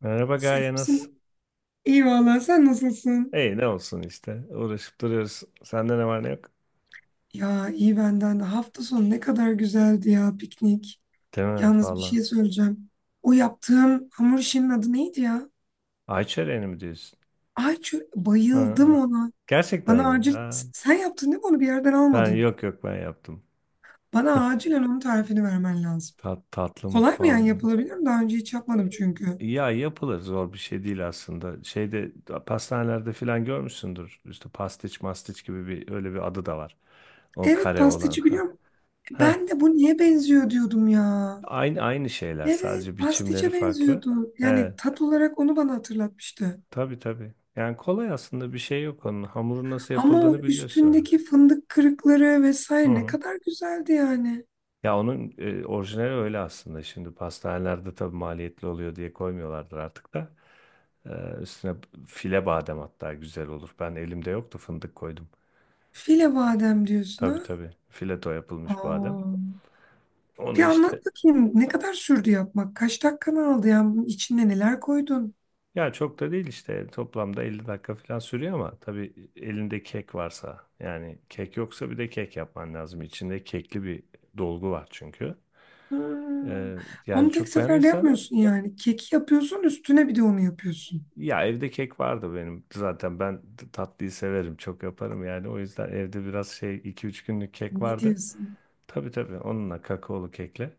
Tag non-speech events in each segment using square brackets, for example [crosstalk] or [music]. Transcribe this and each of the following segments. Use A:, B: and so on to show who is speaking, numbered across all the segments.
A: Merhaba Gaye, nasılsın?
B: Selamsın. İyi valla sen nasılsın?
A: İyi, ne olsun işte. Uğraşıp duruyoruz. Sende ne var ne yok?
B: Ya iyi benden de. Hafta sonu ne kadar güzeldi ya piknik.
A: Değil mi?
B: Yalnız bir
A: Valla.
B: şey söyleyeceğim. O yaptığım hamur işinin adı neydi ya?
A: Ayça Eren'i mi diyorsun?
B: Ayçi
A: Ha,
B: bayıldım
A: ha.
B: ona.
A: Gerçekten
B: Bana
A: mi?
B: acil
A: Ha.
B: sen yaptın değil mi onu bir yerden
A: Ben
B: almadın.
A: yok, ben yaptım.
B: Bana acilen onun tarifini vermen lazım.
A: Tatlı
B: Kolay mı yani
A: mutfağım. Benim.
B: yapılabilir mi? Daha önce hiç yapmadım çünkü.
A: Ya yapılır, zor bir şey değil aslında. Şeyde pastanelerde filan görmüşsündür. İşte pastiç mastiç gibi bir, öyle bir adı da var. O
B: Evet
A: kare olan.
B: pastiçi
A: Ha.
B: biliyorum.
A: Ha.
B: Ben de bu niye benziyor diyordum ya.
A: Aynı aynı şeyler,
B: Evet
A: sadece biçimleri
B: pastiçe
A: farklı.
B: benziyordu. Yani
A: Evet.
B: tat olarak onu bana hatırlatmıştı.
A: Tabii tabii. Yani kolay, aslında bir şey yok onun. Hamurun nasıl
B: Ama o
A: yapıldığını biliyorsun. Ha.
B: üstündeki fındık kırıkları
A: Hı
B: vesaire ne
A: hı.
B: kadar güzeldi yani.
A: Ya onun orijinali öyle aslında. Şimdi pastanelerde tabii maliyetli oluyor diye koymuyorlardır artık da. Üstüne file badem hatta güzel olur. Ben elimde yoktu fındık koydum.
B: File badem diyorsun ha.
A: Tabii tabii. Fileto yapılmış badem.
B: Aa.
A: Onu
B: Bir anlat
A: işte
B: bakayım ne kadar sürdü yapmak? Kaç dakikanı aldı yani bunun içine neler koydun?
A: ya çok da değil, işte toplamda 50 dakika falan sürüyor ama tabii elinde kek varsa, yani kek yoksa bir de kek yapman lazım. İçinde kekli bir dolgu var çünkü.
B: Hmm.
A: Ee, yani
B: Onu tek
A: çok
B: seferde
A: beğenirsen
B: yapmıyorsun yani. Keki yapıyorsun üstüne bir de onu yapıyorsun.
A: ya, evde kek vardı benim. Zaten ben tatlıyı severim. Çok yaparım yani. O yüzden evde biraz şey, iki üç günlük kek
B: Ne
A: vardı.
B: diyorsun?
A: Tabii tabii, onunla kakaolu kekle.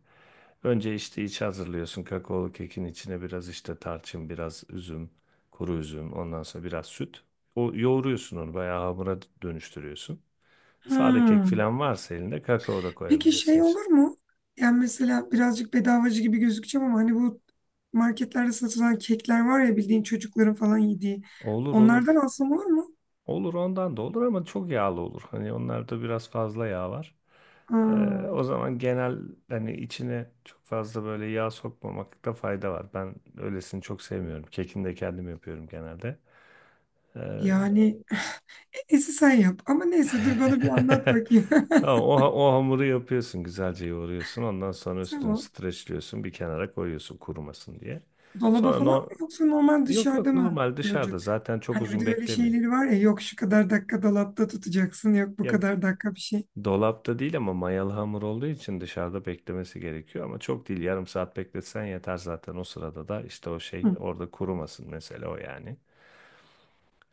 A: Önce işte iç hazırlıyorsun. Kakaolu kekin içine biraz işte tarçın, biraz üzüm, kuru üzüm, ondan sonra biraz süt. O yoğuruyorsun, onu bayağı hamura dönüştürüyorsun. Sade kek
B: Hmm.
A: falan varsa elinde kakao da
B: Peki
A: koyabilirsin.
B: şey
A: İçine.
B: olur mu? Yani mesela birazcık bedavacı gibi gözükeceğim ama hani bu marketlerde satılan kekler var ya bildiğin çocukların falan yediği.
A: Olur olur.
B: Onlardan alsam olur mu?
A: Olur, ondan da olur ama çok yağlı olur. Hani onlarda biraz fazla yağ var. Ee,
B: Aa,
A: o zaman genel, hani içine çok fazla böyle yağ sokmamakta fayda var. Ben öylesini çok sevmiyorum. Kekini de kendim yapıyorum genelde. Ee,
B: yani [laughs] neyse sen yap. Ama neyse dur bana bir anlat
A: [laughs]
B: bakayım. [laughs]
A: Tamam, o hamuru yapıyorsun, güzelce yoğuruyorsun. Ondan sonra üstünü
B: Tamam.
A: streçliyorsun, bir kenara koyuyorsun kurumasın diye.
B: Dolaba
A: Sonra
B: falan mı
A: no
B: yoksa normal
A: yok
B: dışarıda
A: yok,
B: mı
A: normal
B: duracak?
A: dışarıda, zaten çok
B: Hani bir
A: uzun
B: de öyle
A: beklemiyor.
B: şeyleri var ya yok şu kadar dakika dolapta tutacaksın yok bu
A: Ya,
B: kadar dakika bir şey.
A: dolapta değil ama mayalı hamur olduğu için dışarıda beklemesi gerekiyor ama çok değil, yarım saat bekletsen yeter zaten, o sırada da işte o şey
B: Hı.
A: orada kurumasın mesela o yani.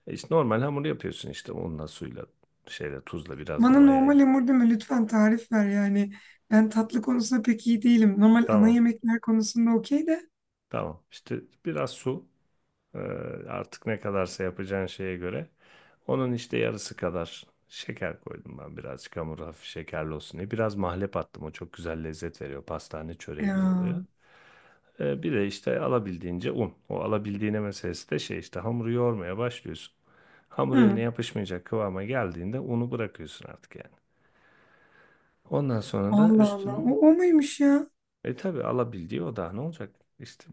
A: E işte normal hamur yapıyorsun, işte unla suyla şeyle tuzla biraz da
B: Bana
A: mayayla.
B: normal hamur deme lütfen tarif ver yani. Ben tatlı konusunda pek iyi değilim. Normal ana
A: Tamam
B: yemekler konusunda okey de.
A: tamam, işte biraz su e, artık ne kadarsa yapacağın şeye göre, onun işte yarısı kadar şeker koydum ben, birazcık hamur hafif şekerli olsun diye biraz mahlep attım, o çok güzel lezzet veriyor, pastane çöreği gibi oluyor.
B: Ya.
A: E, bir de işte alabildiğince un. O alabildiğine meselesi de şey, işte hamuru yoğurmaya başlıyorsun. Hamur
B: Hı.
A: eline yapışmayacak kıvama geldiğinde unu bırakıyorsun artık yani. Ondan sonra da
B: Allah Allah.
A: üstünü
B: O muymuş ya?
A: e tabii, alabildiği o da ne olacak? İşte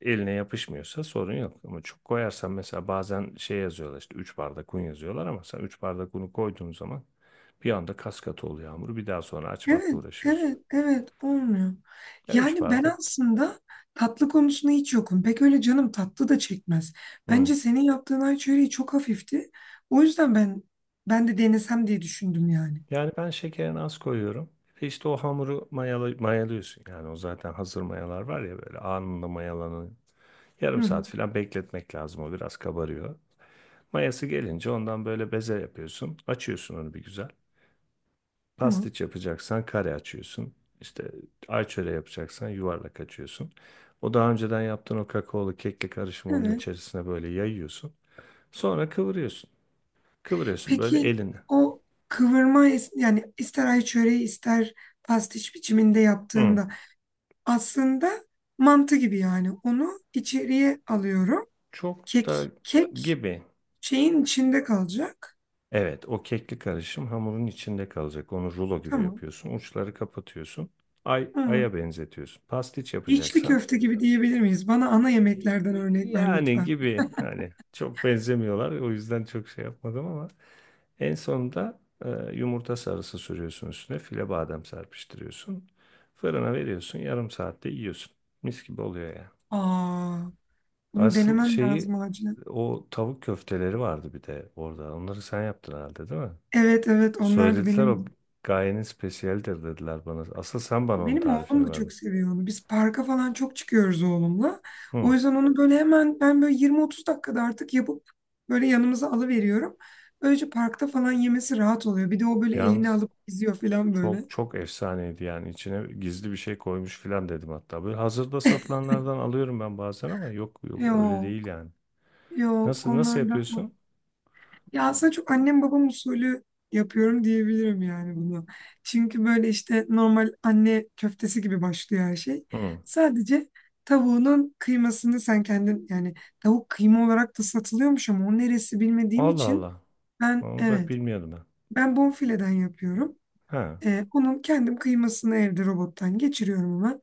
A: eline yapışmıyorsa sorun yok. Ama çok koyarsan, mesela bazen şey yazıyorlar, işte 3 bardak un yazıyorlar ama sen 3 bardak unu koyduğun zaman bir anda kas katı oluyor hamur. Bir daha sonra açmakla
B: Evet,
A: uğraşıyorsun.
B: evet, evet. Olmuyor.
A: Ya 3
B: Yani ben
A: bardak.
B: aslında tatlı konusunda hiç yokum. Pek öyle canım tatlı da çekmez.
A: Hı.
B: Bence senin yaptığın ay çöreği çok hafifti. O yüzden ben de denesem diye düşündüm yani.
A: Yani ben şekerini az koyuyorum. Bir de işte o hamuru mayalıyorsun. Yani o zaten hazır mayalar var ya, böyle anında mayalanıyor.
B: Hı
A: Yarım
B: hı.
A: saat falan bekletmek lazım, o biraz kabarıyor. Mayası gelince ondan böyle beze yapıyorsun. Açıyorsun onu bir güzel.
B: Ama
A: Pastiç yapacaksan kare açıyorsun. İşte ayçöre yapacaksan yuvarlak açıyorsun. O daha önceden yaptığın o kakaolu kekli karışımı onun
B: evet.
A: içerisine böyle yayıyorsun. Sonra kıvırıyorsun. Kıvırıyorsun böyle
B: Peki
A: elini.
B: o kıvırma yani ister ay çöreği ister pastiş biçiminde
A: Hı.
B: yaptığımda aslında mantı gibi yani onu içeriye alıyorum.
A: Çok
B: Kek
A: da
B: kek
A: gibi.
B: şeyin içinde kalacak.
A: Evet, o kekli karışım hamurun içinde kalacak. Onu rulo gibi
B: Tamam.
A: yapıyorsun. Uçları kapatıyorsun. Ay,
B: Hı.
A: aya benzetiyorsun. Pastiç
B: İçli
A: yapacaksan
B: köfte gibi diyebilir miyiz? Bana ana yemeklerden
A: e,
B: örnek ver
A: yani
B: lütfen.
A: gibi, hani çok benzemiyorlar. O yüzden çok şey yapmadım ama en sonunda yumurta sarısı sürüyorsun üstüne. File badem serpiştiriyorsun. Fırına veriyorsun. Yarım saatte yiyorsun. Mis gibi oluyor ya.
B: Aa, bunu
A: Asıl
B: denemem
A: şeyi,
B: lazım acilen.
A: o tavuk köfteleri vardı bir de orada. Onları sen yaptın herhalde, değil mi?
B: Evet evet onlar da
A: Söylediler, o
B: benim
A: gayenin spesiyeldir dediler bana. Asıl sen bana onun
B: Benim oğlum
A: tarifini
B: da
A: ver.
B: çok seviyor onu. Biz parka falan çok çıkıyoruz oğlumla. O
A: Hı.
B: yüzden onu böyle hemen ben böyle 20-30 dakikada artık yapıp böyle yanımıza alıveriyorum. Böylece parkta falan yemesi rahat oluyor. Bir de o böyle elini
A: Yalnız
B: alıp izliyor falan böyle.
A: çok çok efsaneydi, yani içine gizli bir şey koymuş filan dedim hatta. Böyle hazırda satılanlardan alıyorum ben bazen ama yok, yok öyle değil
B: Yok,
A: yani.
B: yok
A: Nasıl
B: onlar da.
A: yapıyorsun?
B: Ya aslında çok annem babam usulü yapıyorum diyebilirim yani bunu. Çünkü böyle işte normal anne köftesi gibi başlıyor her şey.
A: Hı.
B: Sadece tavuğunun kıymasını sen kendin yani tavuk kıyma olarak da satılıyormuş ama o neresi bilmediğim
A: Allah
B: için
A: Allah.
B: ben,
A: Onu bak
B: evet,
A: bilmiyordum ben.
B: ben bonfileden yapıyorum.
A: Ha.
B: Onun kendim kıymasını evde robottan geçiriyorum hemen.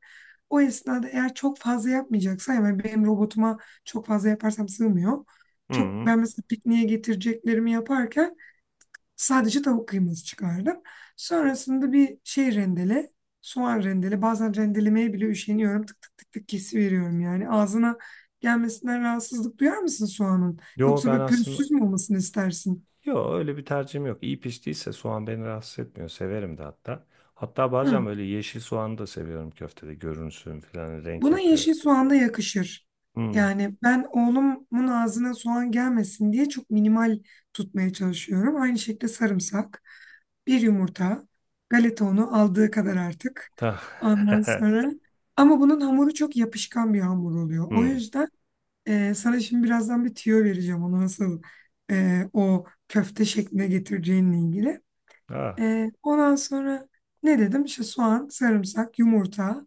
B: O esnada eğer çok fazla yapmayacaksam yani benim robotuma çok fazla yaparsam sığmıyor. Çok
A: Hı.
B: ben mesela pikniğe getireceklerimi yaparken sadece tavuk kıyması çıkardım. Sonrasında bir şey rendele, soğan rendele. Bazen rendelemeye bile üşeniyorum. Tık tık tık tık kesiveriyorum yani. Ağzına gelmesinden rahatsızlık duyar mısın soğanın?
A: Yo
B: Yoksa
A: ben
B: böyle
A: aslında,
B: pürüzsüz mü olmasını istersin?
A: yok öyle bir tercihim yok. İyi piştiyse soğan beni rahatsız etmiyor. Severim de hatta. Hatta bazen
B: Hı.
A: böyle yeşil soğanı da seviyorum köftede. Görünsün falan, renk
B: Buna
A: yapıyor.
B: yeşil soğan da yakışır.
A: Hmm.
B: Yani ben oğlumun ağzına soğan gelmesin diye çok minimal tutmaya çalışıyorum. Aynı şekilde sarımsak, bir yumurta, galeta unu aldığı kadar artık.
A: Ta.
B: Ondan
A: [laughs]
B: sonra ama bunun hamuru çok yapışkan bir hamur oluyor. O
A: hmm.
B: yüzden sana şimdi birazdan bir tüyo vereceğim onu nasıl o köfte şekline getireceğinle ilgili.
A: Ah.
B: Ondan sonra ne dedim? İşte soğan, sarımsak, yumurta,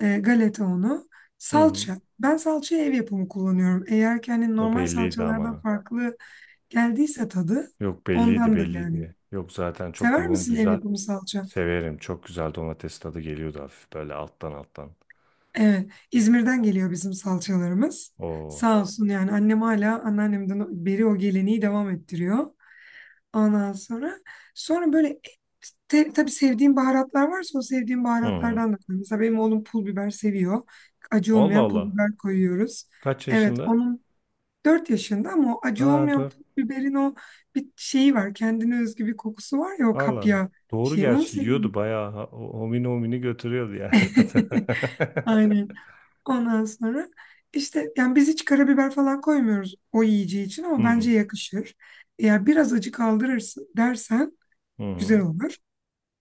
B: galeta unu,
A: Hmm.
B: salça. Ben salçayı ev yapımı kullanıyorum. Eğer ki hani
A: O
B: normal
A: belliydi
B: salçalardan
A: ama.
B: farklı geldiyse tadı
A: Yok, belliydi
B: ondandır yani.
A: belliydi. Yok, zaten çok
B: Sever
A: yoğun,
B: misin ev
A: güzel.
B: yapımı salça?
A: Severim. Çok güzel domates tadı geliyordu hafif böyle alttan alttan.
B: Evet, İzmir'den geliyor bizim salçalarımız.
A: Oo.
B: Sağ olsun yani annem hala anneannemden beri o geleneği devam ettiriyor. Ondan sonra böyle tabii sevdiğim baharatlar varsa o sevdiğim
A: Hı hı.
B: baharatlardan da koy. Mesela benim oğlum pul biber seviyor. Acı
A: Allah
B: olmayan pul
A: Allah.
B: biber koyuyoruz.
A: Kaç
B: Evet
A: yaşında?
B: onun 4 yaşında ama o acı
A: Ha.
B: olmayan pul biberin o bir şeyi var. Kendine özgü bir kokusu var ya o
A: Valla
B: kapya
A: doğru,
B: şeyi. Onu
A: gerçi
B: seviyor.
A: yiyordu bayağı homini homini götürüyordu yani.
B: [laughs]
A: [laughs]
B: Aynen. Ondan sonra işte yani biz hiç karabiber falan koymuyoruz o yiyeceği için ama bence
A: Hmm.
B: yakışır. Eğer biraz acı kaldırırsın dersen
A: Hı
B: güzel
A: hı,
B: olur.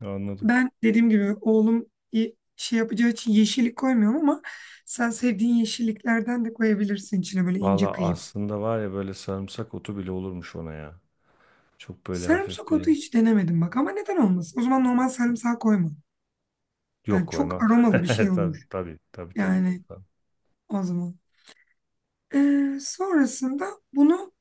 A: anladım.
B: Ben dediğim gibi oğlum şey yapacağı için yeşillik koymuyorum ama sen sevdiğin yeşilliklerden de koyabilirsin içine böyle ince
A: Valla
B: kıyıp.
A: aslında var ya, böyle sarımsak otu bile olurmuş ona ya. Çok böyle hafif
B: Sarımsak otu
A: bir,
B: hiç denemedim bak ama neden olmasın? O zaman normal sarımsak koyma.
A: yok
B: Yani çok
A: koymam. [laughs]
B: aromalı bir şey
A: Tabii
B: olur.
A: tabii tabii tabii.
B: Yani
A: Tamam.
B: o zaman. Sonrasında bunu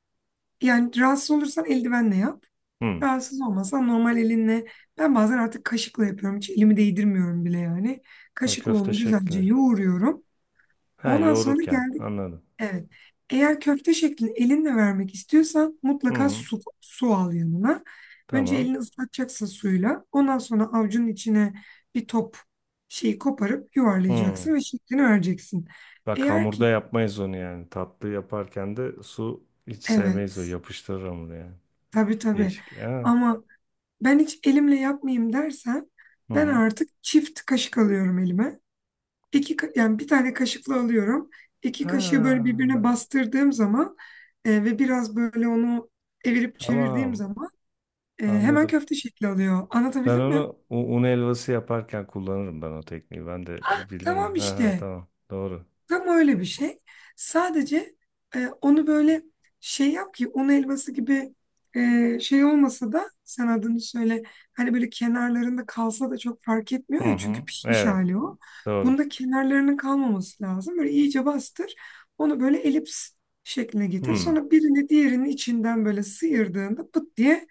B: yani rahatsız olursan eldivenle yap.
A: Hmm.
B: Rahatsız olmasan normal elinle. Ben bazen artık kaşıkla yapıyorum. Hiç elimi değdirmiyorum bile yani.
A: Ha,
B: Kaşıkla
A: köfte
B: onu güzelce
A: şeklini.
B: yoğuruyorum.
A: Ha
B: Ondan sonra
A: yoğururken
B: geldi.
A: anladım.
B: Evet. Eğer köfte şeklini elinle vermek istiyorsan
A: Hı
B: mutlaka
A: hı.
B: su, su al yanına. Önce
A: Tamam.
B: elini ıslatacaksın suyla. Ondan sonra avucunun içine bir top şeyi koparıp
A: Hmm.
B: yuvarlayacaksın ve şeklini vereceksin.
A: Bak
B: Eğer
A: hamurda
B: ki,
A: yapmayız onu yani. Tatlı yaparken de su hiç sevmeyiz, o
B: evet,
A: yapıştırır hamuru yani.
B: tabii tabii,
A: Değişik. Ha.
B: ama ben hiç elimle yapmayayım dersen
A: Hı
B: ben
A: hı.
B: artık çift kaşık alıyorum elime. İki, yani bir tane kaşıkla alıyorum. İki
A: Ha,
B: kaşığı böyle birbirine bastırdığım zaman ve biraz böyle onu evirip çevirdiğim
A: tamam,
B: zaman hemen
A: anladım.
B: köfte şekli alıyor.
A: Ben
B: Anlatabildim mi?
A: onu un helvası yaparken kullanırım ben o tekniği. Ben de
B: Tamam
A: bilirim. Ha, ha,
B: işte.
A: tamam, doğru.
B: Tam öyle bir şey. Sadece onu böyle şey yap ki un helvası gibi şey olmasa da sen adını söyle. Hani böyle kenarlarında kalsa da çok fark etmiyor
A: Hı
B: ya çünkü
A: hı.
B: pişmiş
A: Evet,
B: hali o.
A: doğru.
B: Bunda kenarlarının kalmaması lazım. Böyle iyice bastır. Onu böyle elips şekline getir.
A: Hı.
B: Sonra birini diğerinin içinden böyle sıyırdığında pıt diye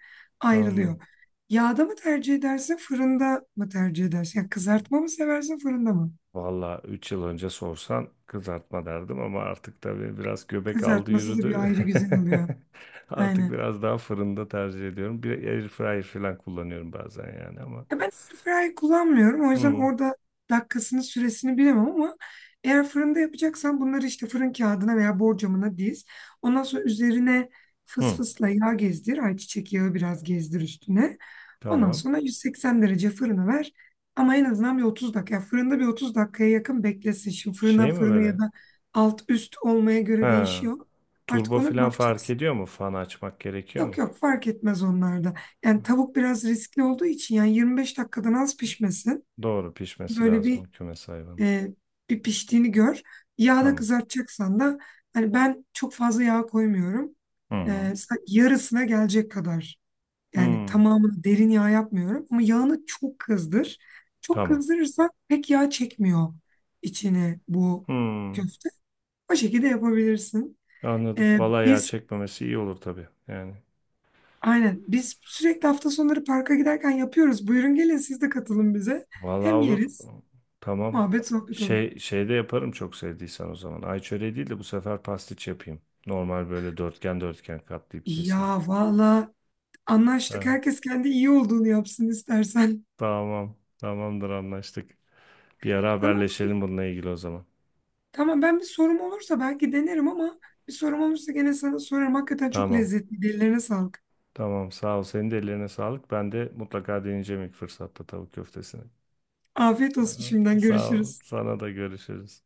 A: Anladım.
B: ayrılıyor. Yağda mı tercih edersin, fırında mı tercih edersin? Yani kızartma mı seversin, fırında mı?
A: Valla 3 yıl önce sorsan kızartma derdim ama artık tabii biraz göbek aldı
B: Kızartması da bir
A: yürüdü.
B: ayrı güzel oluyor.
A: [laughs] Artık
B: Aynen.
A: biraz daha fırında tercih ediyorum. Bir airfryer falan kullanıyorum bazen yani ama.
B: Ya ben airfryer kullanmıyorum. O yüzden
A: Hı.
B: orada dakikasını, süresini bilemem ama eğer fırında yapacaksan bunları işte fırın kağıdına veya borcamına diz. Ondan sonra üzerine fıs
A: Hı.
B: fısla yağ gezdir. Ayçiçek yağı biraz gezdir üstüne. Ondan
A: Tamam.
B: sonra 180 derece fırına ver. Ama en azından bir 30 dakika. Yani fırında bir 30 dakikaya yakın beklesin. Şimdi fırından
A: Şey mi
B: fırına ya
A: böyle?
B: da alt üst olmaya göre
A: Ha.
B: değişiyor. Artık
A: Turbo
B: ona bir
A: falan fark
B: bakacaksın.
A: ediyor mu? Fan açmak gerekiyor
B: Yok
A: mu?
B: yok fark etmez onlarda. Yani tavuk biraz riskli olduğu için yani 25 dakikadan az pişmesin.
A: Doğru pişmesi
B: Böyle
A: lazım o kümes hayvanın.
B: e, bir piştiğini gör. Yağda
A: Tamam.
B: kızartacaksan da hani ben çok fazla yağ koymuyorum.
A: Hı hı.
B: Yarısına gelecek kadar. Yani
A: Hmm.
B: tamamını derin yağ yapmıyorum ama yağını çok kızdır. Çok
A: Tamam.
B: kızdırırsa pek yağ çekmiyor içine bu
A: Hmm.
B: köfte. O şekilde yapabilirsin.
A: Anladım.
B: E,
A: Vallahi yağ
B: biz
A: çekmemesi iyi olur tabii. Yani.
B: Aynen. Biz sürekli hafta sonları parka giderken yapıyoruz. Buyurun gelin siz de katılın bize.
A: Vallahi
B: Hem
A: olur.
B: yeriz,
A: Tamam.
B: muhabbet sohbet olur.
A: Şey, şey de yaparım çok sevdiysen o zaman. Ay çöreği değil de bu sefer pastiç yapayım. Normal böyle dörtgen dörtgen katlayıp keseyim.
B: Ya valla anlaştık.
A: Ha,
B: Herkes kendi iyi olduğunu yapsın istersen.
A: tamam. Tamamdır, anlaştık. Bir ara
B: Tamam mı?
A: haberleşelim bununla ilgili o zaman.
B: Tamam ben bir sorum olursa belki denerim ama bir sorum olursa gene sana sorarım. Hakikaten çok
A: Tamam.
B: lezzetli. Ellerine sağlık.
A: Tamam, sağ ol. Senin de ellerine sağlık. Ben de mutlaka deneyeceğim ilk fırsatta tavuk köftesini.
B: Afiyet olsun
A: Aha.
B: şimdiden
A: Sağ ol.
B: görüşürüz.
A: Sana da, görüşürüz.